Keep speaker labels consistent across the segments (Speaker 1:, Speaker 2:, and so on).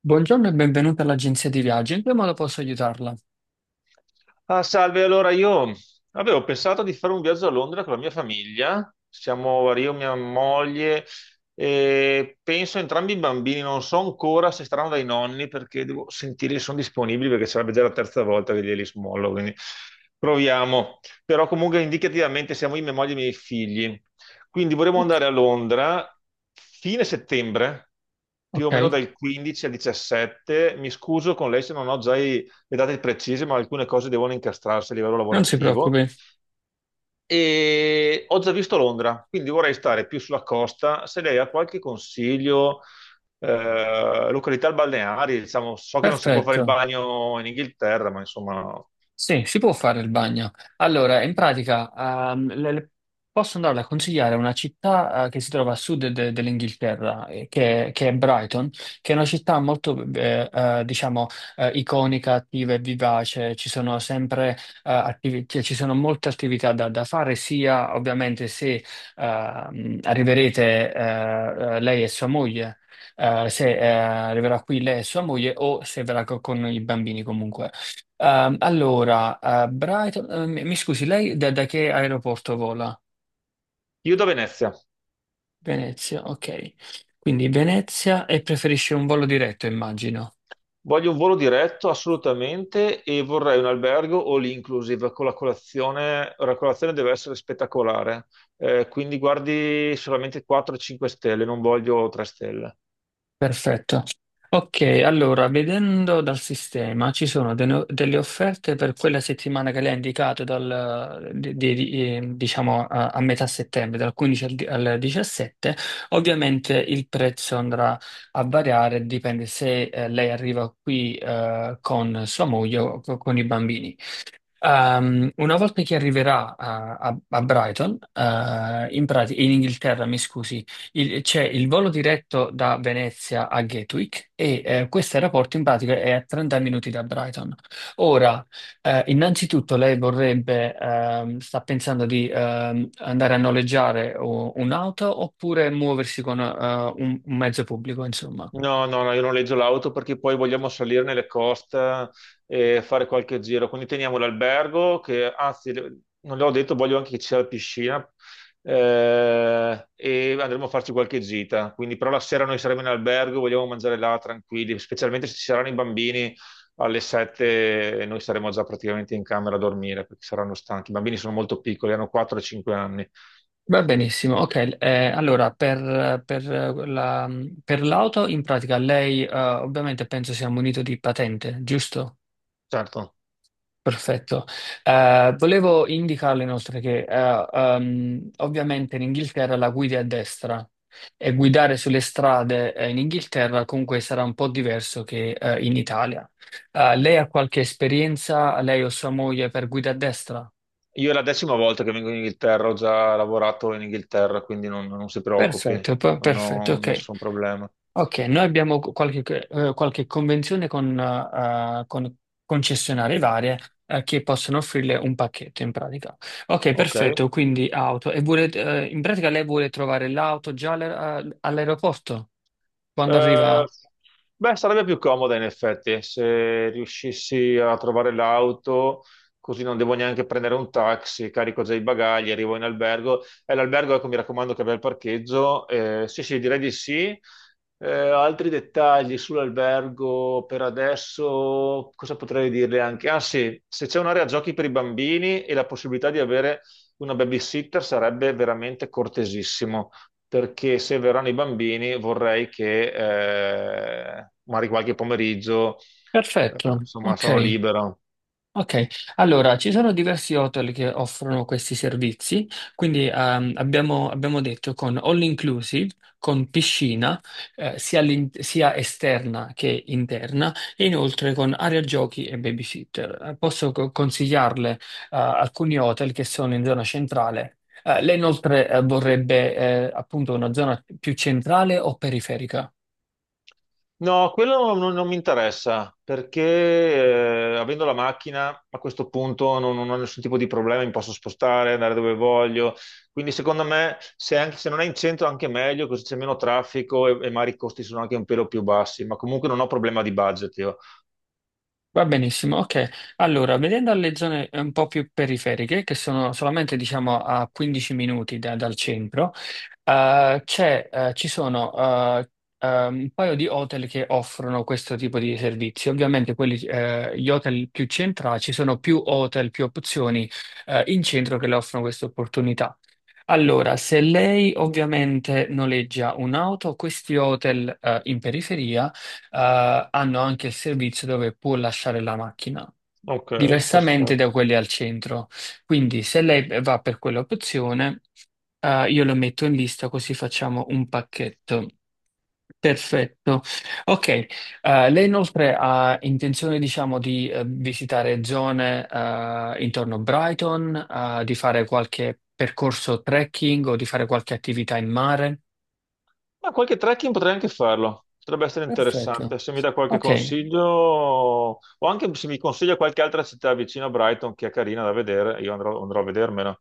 Speaker 1: Buongiorno e benvenuta all'agenzia di viaggi. In che modo posso aiutarla?
Speaker 2: Ah, salve, allora io avevo pensato di fare un viaggio a Londra con la mia famiglia, siamo io, mia moglie e penso entrambi i bambini, non so ancora se staranno dai nonni perché devo sentire se sono disponibili perché sarebbe già la terza volta che glieli smollo, quindi proviamo. Però comunque indicativamente siamo io, mia moglie e i miei figli, quindi vorremmo
Speaker 1: Ok.
Speaker 2: andare a Londra fine settembre, più
Speaker 1: Ok,
Speaker 2: o meno dal 15 al 17. Mi scuso con lei se non ho già i le date precise, ma alcune cose devono incastrarsi a livello
Speaker 1: non si
Speaker 2: lavorativo.
Speaker 1: preoccupi.
Speaker 2: E ho già visto Londra, quindi vorrei stare più sulla costa. Se lei ha qualche consiglio, località balneari, diciamo, so che non si può fare il
Speaker 1: Perfetto.
Speaker 2: bagno in Inghilterra, ma insomma,
Speaker 1: Sì, si può fare il bagno. Allora, in pratica, ehm, le- le- posso andare a consigliare una città, che si trova a sud dell'Inghilterra, che è Brighton, che è una città molto, diciamo, iconica, attiva e vivace. Ci sono sempre, cioè, ci sono molte attività da fare, sia ovviamente se arriverete, lei e sua moglie. Se arriverà qui lei e sua moglie o se verrà con i bambini comunque. Brighton, mi scusi, lei da che aeroporto vola?
Speaker 2: io da Venezia.
Speaker 1: Venezia, ok. Quindi Venezia, e preferisce un volo diretto, immagino.
Speaker 2: Voglio un volo diretto assolutamente e vorrei un albergo all inclusive con la colazione. La colazione deve essere spettacolare. Quindi guardi solamente 4-5 stelle, non voglio 3 stelle.
Speaker 1: Perfetto. Ok, allora, vedendo dal sistema ci sono de- no, delle offerte per quella settimana che lei ha indicato, diciamo a metà settembre, Dal 15 al 17. Ovviamente il prezzo andrà a variare, dipende se lei arriva qui con sua moglie o con i bambini. Una volta che arriverà a Brighton, in Inghilterra, mi scusi, c'è il volo diretto da Venezia a Gatwick, e questo aeroporto in pratica è a 30 minuti da Brighton. Ora, innanzitutto lei vorrebbe, sta pensando di andare a noleggiare un'auto oppure muoversi con un mezzo pubblico, insomma.
Speaker 2: No, no, no, io non noleggio l'auto perché poi vogliamo salire nelle coste e fare qualche giro. Quindi teniamo l'albergo, che anzi, non l'ho detto, voglio anche che ci sia la piscina e andremo a farci qualche gita. Quindi, però la sera noi saremo in albergo, vogliamo mangiare là tranquilli, specialmente se ci saranno i bambini, alle 7 noi saremo già praticamente in camera a dormire perché saranno stanchi. I bambini sono molto piccoli, hanno 4-5 anni,
Speaker 1: Va benissimo, ok. Per la- per l'auto, in pratica, lei ovviamente penso sia munito di patente, giusto?
Speaker 2: certo.
Speaker 1: Perfetto. Volevo indicarle inoltre che ovviamente in Inghilterra la guidi a destra e guidare sulle strade in Inghilterra comunque sarà un po' diverso che in Italia. Lei ha qualche esperienza, lei o sua moglie, per guida a destra?
Speaker 2: Io è la decima volta che vengo in Inghilterra, ho già lavorato in Inghilterra, quindi non si preoccupi, non
Speaker 1: Perfetto,
Speaker 2: ho
Speaker 1: ok.
Speaker 2: nessun problema.
Speaker 1: Ok, noi abbiamo qualche convenzione con concessionarie varie, che possono offrirle un pacchetto in pratica. Ok,
Speaker 2: Ok.
Speaker 1: perfetto, quindi auto. E vuole, in pratica lei vuole trovare l'auto già all'aeroporto quando
Speaker 2: Eh,
Speaker 1: arriva?
Speaker 2: beh, sarebbe più comoda in effetti se riuscissi a trovare l'auto, così non devo neanche prendere un taxi, carico già i bagagli, arrivo in albergo. E l'albergo, ecco, mi raccomando che abbia il parcheggio. Sì, sì, direi di sì. Altri dettagli sull'albergo per adesso, cosa potrei dirle anche? Ah sì, se c'è un'area giochi per i bambini e la possibilità di avere una babysitter sarebbe veramente cortesissimo perché se verranno i bambini vorrei che magari qualche pomeriggio,
Speaker 1: Perfetto,
Speaker 2: insomma,
Speaker 1: ok.
Speaker 2: sono libero.
Speaker 1: Ok, allora ci sono diversi hotel che offrono questi servizi, quindi abbiamo detto con all inclusive, con piscina, sia esterna che interna, e inoltre con area giochi e babysitter. Posso consigliarle alcuni hotel che sono in zona centrale. Lei inoltre vorrebbe appunto una zona più centrale o periferica?
Speaker 2: No, quello non mi interessa, perché avendo la macchina a questo punto non ho nessun tipo di problema, mi posso spostare, andare dove voglio. Quindi secondo me, se non è in centro, anche meglio, così c'è meno traffico e magari i costi sono anche un pelo più bassi, ma comunque non ho problema di budget io.
Speaker 1: Va benissimo, ok. Allora, vedendo le zone un po' più periferiche, che sono solamente diciamo a 15 minuti dal centro, ci sono eh, un paio di hotel che offrono questo tipo di servizi. Ovviamente gli hotel più centrali, ci sono più hotel, più opzioni in centro che le offrono questa opportunità. Allora, se lei ovviamente noleggia un'auto, questi hotel in periferia hanno anche il servizio dove può lasciare la macchina,
Speaker 2: Ok,
Speaker 1: diversamente da
Speaker 2: perfetto.
Speaker 1: quelli al centro. Quindi se lei va per quell'opzione, io lo metto in lista così facciamo un pacchetto. Perfetto. Ok. Lei inoltre ha intenzione, diciamo, di visitare zone intorno a Brighton, di fare qualche percorso trekking o di fare qualche attività in mare?
Speaker 2: Ma qualche trekking potrei anche farlo, potrebbe essere interessante.
Speaker 1: Perfetto.
Speaker 2: Se mi dà qualche
Speaker 1: Ok.
Speaker 2: consiglio, o anche se mi consiglia qualche altra città vicino a Brighton che è carina da vedere, io andrò a vedermela.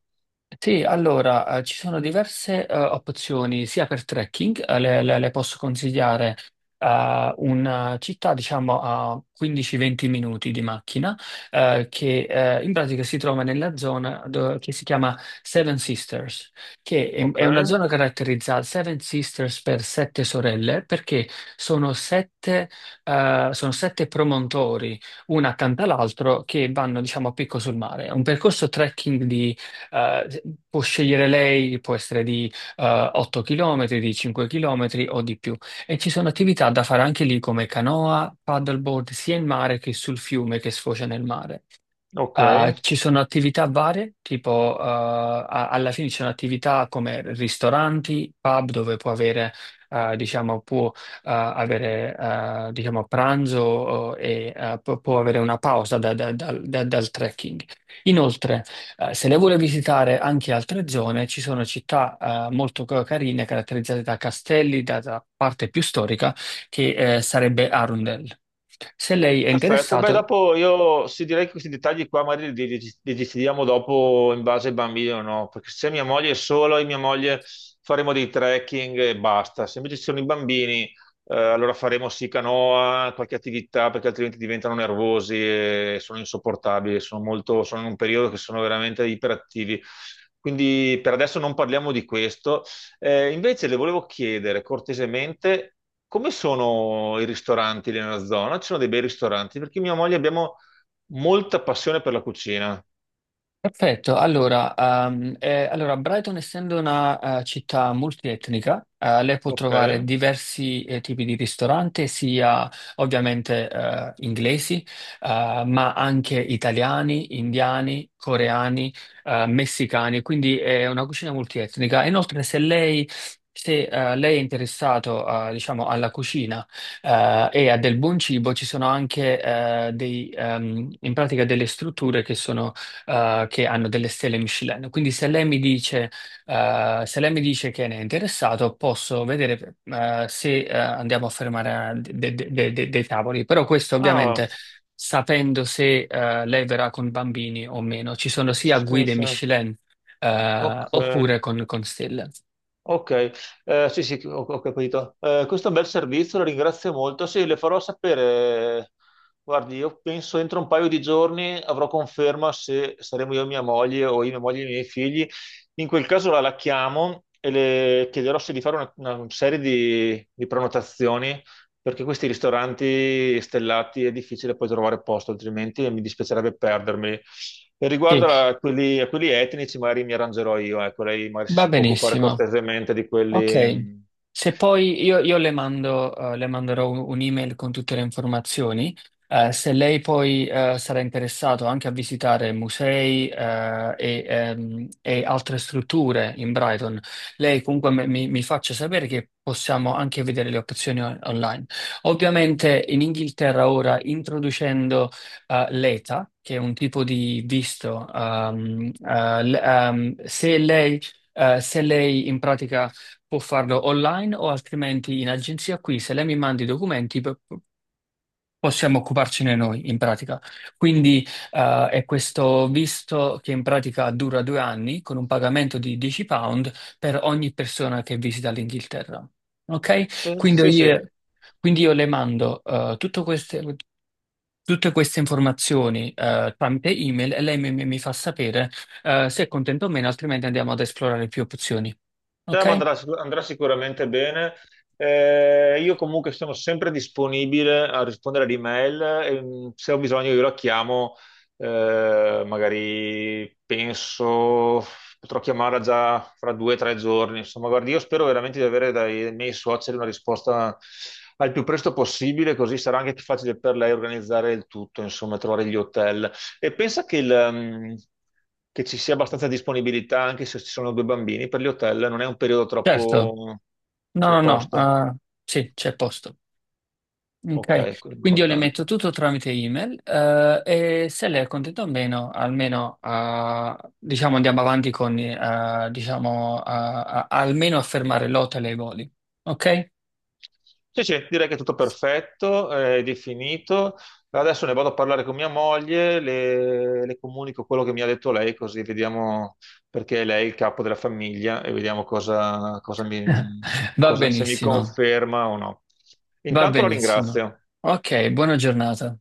Speaker 1: Sì, allora, ci sono diverse opzioni sia per trekking, le posso consigliare una città diciamo a 15-20 minuti di macchina che in pratica si trova nella zona che si chiama Seven Sisters, che
Speaker 2: Ok,
Speaker 1: è una zona caratterizzata Seven Sisters per sette sorelle perché sono sette, sono sette promontori, una accanto all'altro, che vanno diciamo a picco sul mare. È un percorso trekking, eh, può scegliere lei, può essere di 8 km, di 5 km o di più. E ci sono attività da fare anche lì come canoa, paddleboard, sia in mare che sul fiume che sfocia nel mare.
Speaker 2: ok.
Speaker 1: Ci sono attività varie, tipo alla fine ci sono attività come ristoranti, pub dove può avere, diciamo, può diciamo, pranzo e può avere una pausa dal trekking. Inoltre, se lei vuole visitare anche altre zone, ci sono città molto carine, caratterizzate da castelli, da parte più storica, che sarebbe Arundel. Se lei è
Speaker 2: Perfetto, beh,
Speaker 1: interessato.
Speaker 2: dopo io sì, direi che questi dettagli qua magari li decidiamo dopo in base al bambino, no? Perché se mia moglie è sola, io e mia moglie faremo dei trekking e basta. Se invece ci sono i bambini, allora faremo sì canoa, qualche attività, perché altrimenti diventano nervosi e sono insopportabili, sono molto, sono in un periodo che sono veramente iperattivi. Quindi per adesso non parliamo di questo. Invece le volevo chiedere cortesemente come sono i ristoranti lì nella zona? Ci sono dei bei ristoranti perché mia moglie abbiamo molta passione per la cucina.
Speaker 1: Perfetto, allora, Brighton essendo una città multietnica, lei può
Speaker 2: Ok.
Speaker 1: trovare diversi tipi di ristoranti, sia ovviamente inglesi, ma anche italiani, indiani, coreani, messicani, quindi è una cucina multietnica. Inoltre, se lei è interessato diciamo alla cucina e a del buon cibo, ci sono anche in pratica delle strutture che sono che hanno delle stelle Michelin. Quindi se lei mi se lei mi dice che ne è interessato, posso vedere, se, andiamo a fermare dei tavoli. Però questo
Speaker 2: Ah,
Speaker 1: ovviamente sapendo se, lei verrà con bambini o meno. Ci sono sia
Speaker 2: sì,
Speaker 1: guide
Speaker 2: sì.
Speaker 1: Michelin,
Speaker 2: Ok.
Speaker 1: oppure con stelle.
Speaker 2: Ok. Sì, sì, ho capito. Questo è un bel servizio, la ringrazio molto. Sì, le farò sapere. Guardi, io penso entro un paio di giorni avrò conferma se saremo io e mia moglie o io, mia moglie e i miei figli. In quel caso la chiamo e le chiederò se di fare una serie di prenotazioni perché questi ristoranti stellati è difficile poi trovare posto, altrimenti mi dispiacerebbe perdermi. E
Speaker 1: Sì,
Speaker 2: riguardo a quelli etnici, magari mi arrangerò io, ecco, lei magari se
Speaker 1: va
Speaker 2: si può occupare
Speaker 1: benissimo.
Speaker 2: cortesemente di quelli,
Speaker 1: Ok,
Speaker 2: mm,
Speaker 1: se poi io le mando, le manderò un'email con tutte le informazioni. Se lei poi sarà interessato anche a visitare musei e altre strutture in Brighton, lei comunque mi faccia sapere che possiamo anche vedere le opzioni online. Ovviamente in Inghilterra ora introducendo l'ETA, che è un tipo di visto, se lei in pratica può farlo online o altrimenti in agenzia qui. Se lei mi manda i documenti, possiamo occuparcene noi in pratica. Quindi è questo visto che in pratica dura 2 anni con un pagamento di £10 per ogni persona che visita l'Inghilterra.
Speaker 2: sì,
Speaker 1: Ok?
Speaker 2: sì, sì.
Speaker 1: Quindi io le mando tutte queste informazioni tramite email, e lei mi fa sapere se è contento o meno, altrimenti andiamo ad esplorare più opzioni.
Speaker 2: Cioè, ma
Speaker 1: Ok?
Speaker 2: andrà sicuramente bene. Io comunque sono sempre disponibile a rispondere ad email e se ho bisogno io la chiamo, magari penso potrò chiamarla già fra 2 o 3 giorni. Insomma, guardi, io spero veramente di avere dai miei suoceri una risposta al più presto possibile, così sarà anche più facile per lei organizzare il tutto, insomma, trovare gli hotel. E pensa che, che ci sia abbastanza disponibilità anche se ci sono 2 bambini per gli hotel, non è un periodo
Speaker 1: Certo.
Speaker 2: troppo, cioè,
Speaker 1: No, no,
Speaker 2: posta.
Speaker 1: no, eh, sì, c'è posto. Ok,
Speaker 2: Ok, quello è
Speaker 1: quindi io le metto
Speaker 2: importante.
Speaker 1: tutto tramite email, e se lei è contenta o meno, almeno, diciamo, andiamo avanti con, almeno a fermare l'hotel e i voli. Ok?
Speaker 2: Sì, sì, direi che è tutto perfetto, è definito. Adesso ne vado a parlare con mia moglie, le comunico quello che mi ha detto lei, così vediamo perché lei è il capo della famiglia e vediamo cosa
Speaker 1: Va
Speaker 2: se mi
Speaker 1: benissimo,
Speaker 2: conferma o no.
Speaker 1: va
Speaker 2: Intanto la
Speaker 1: benissimo.
Speaker 2: ringrazio.
Speaker 1: Ok, buona giornata.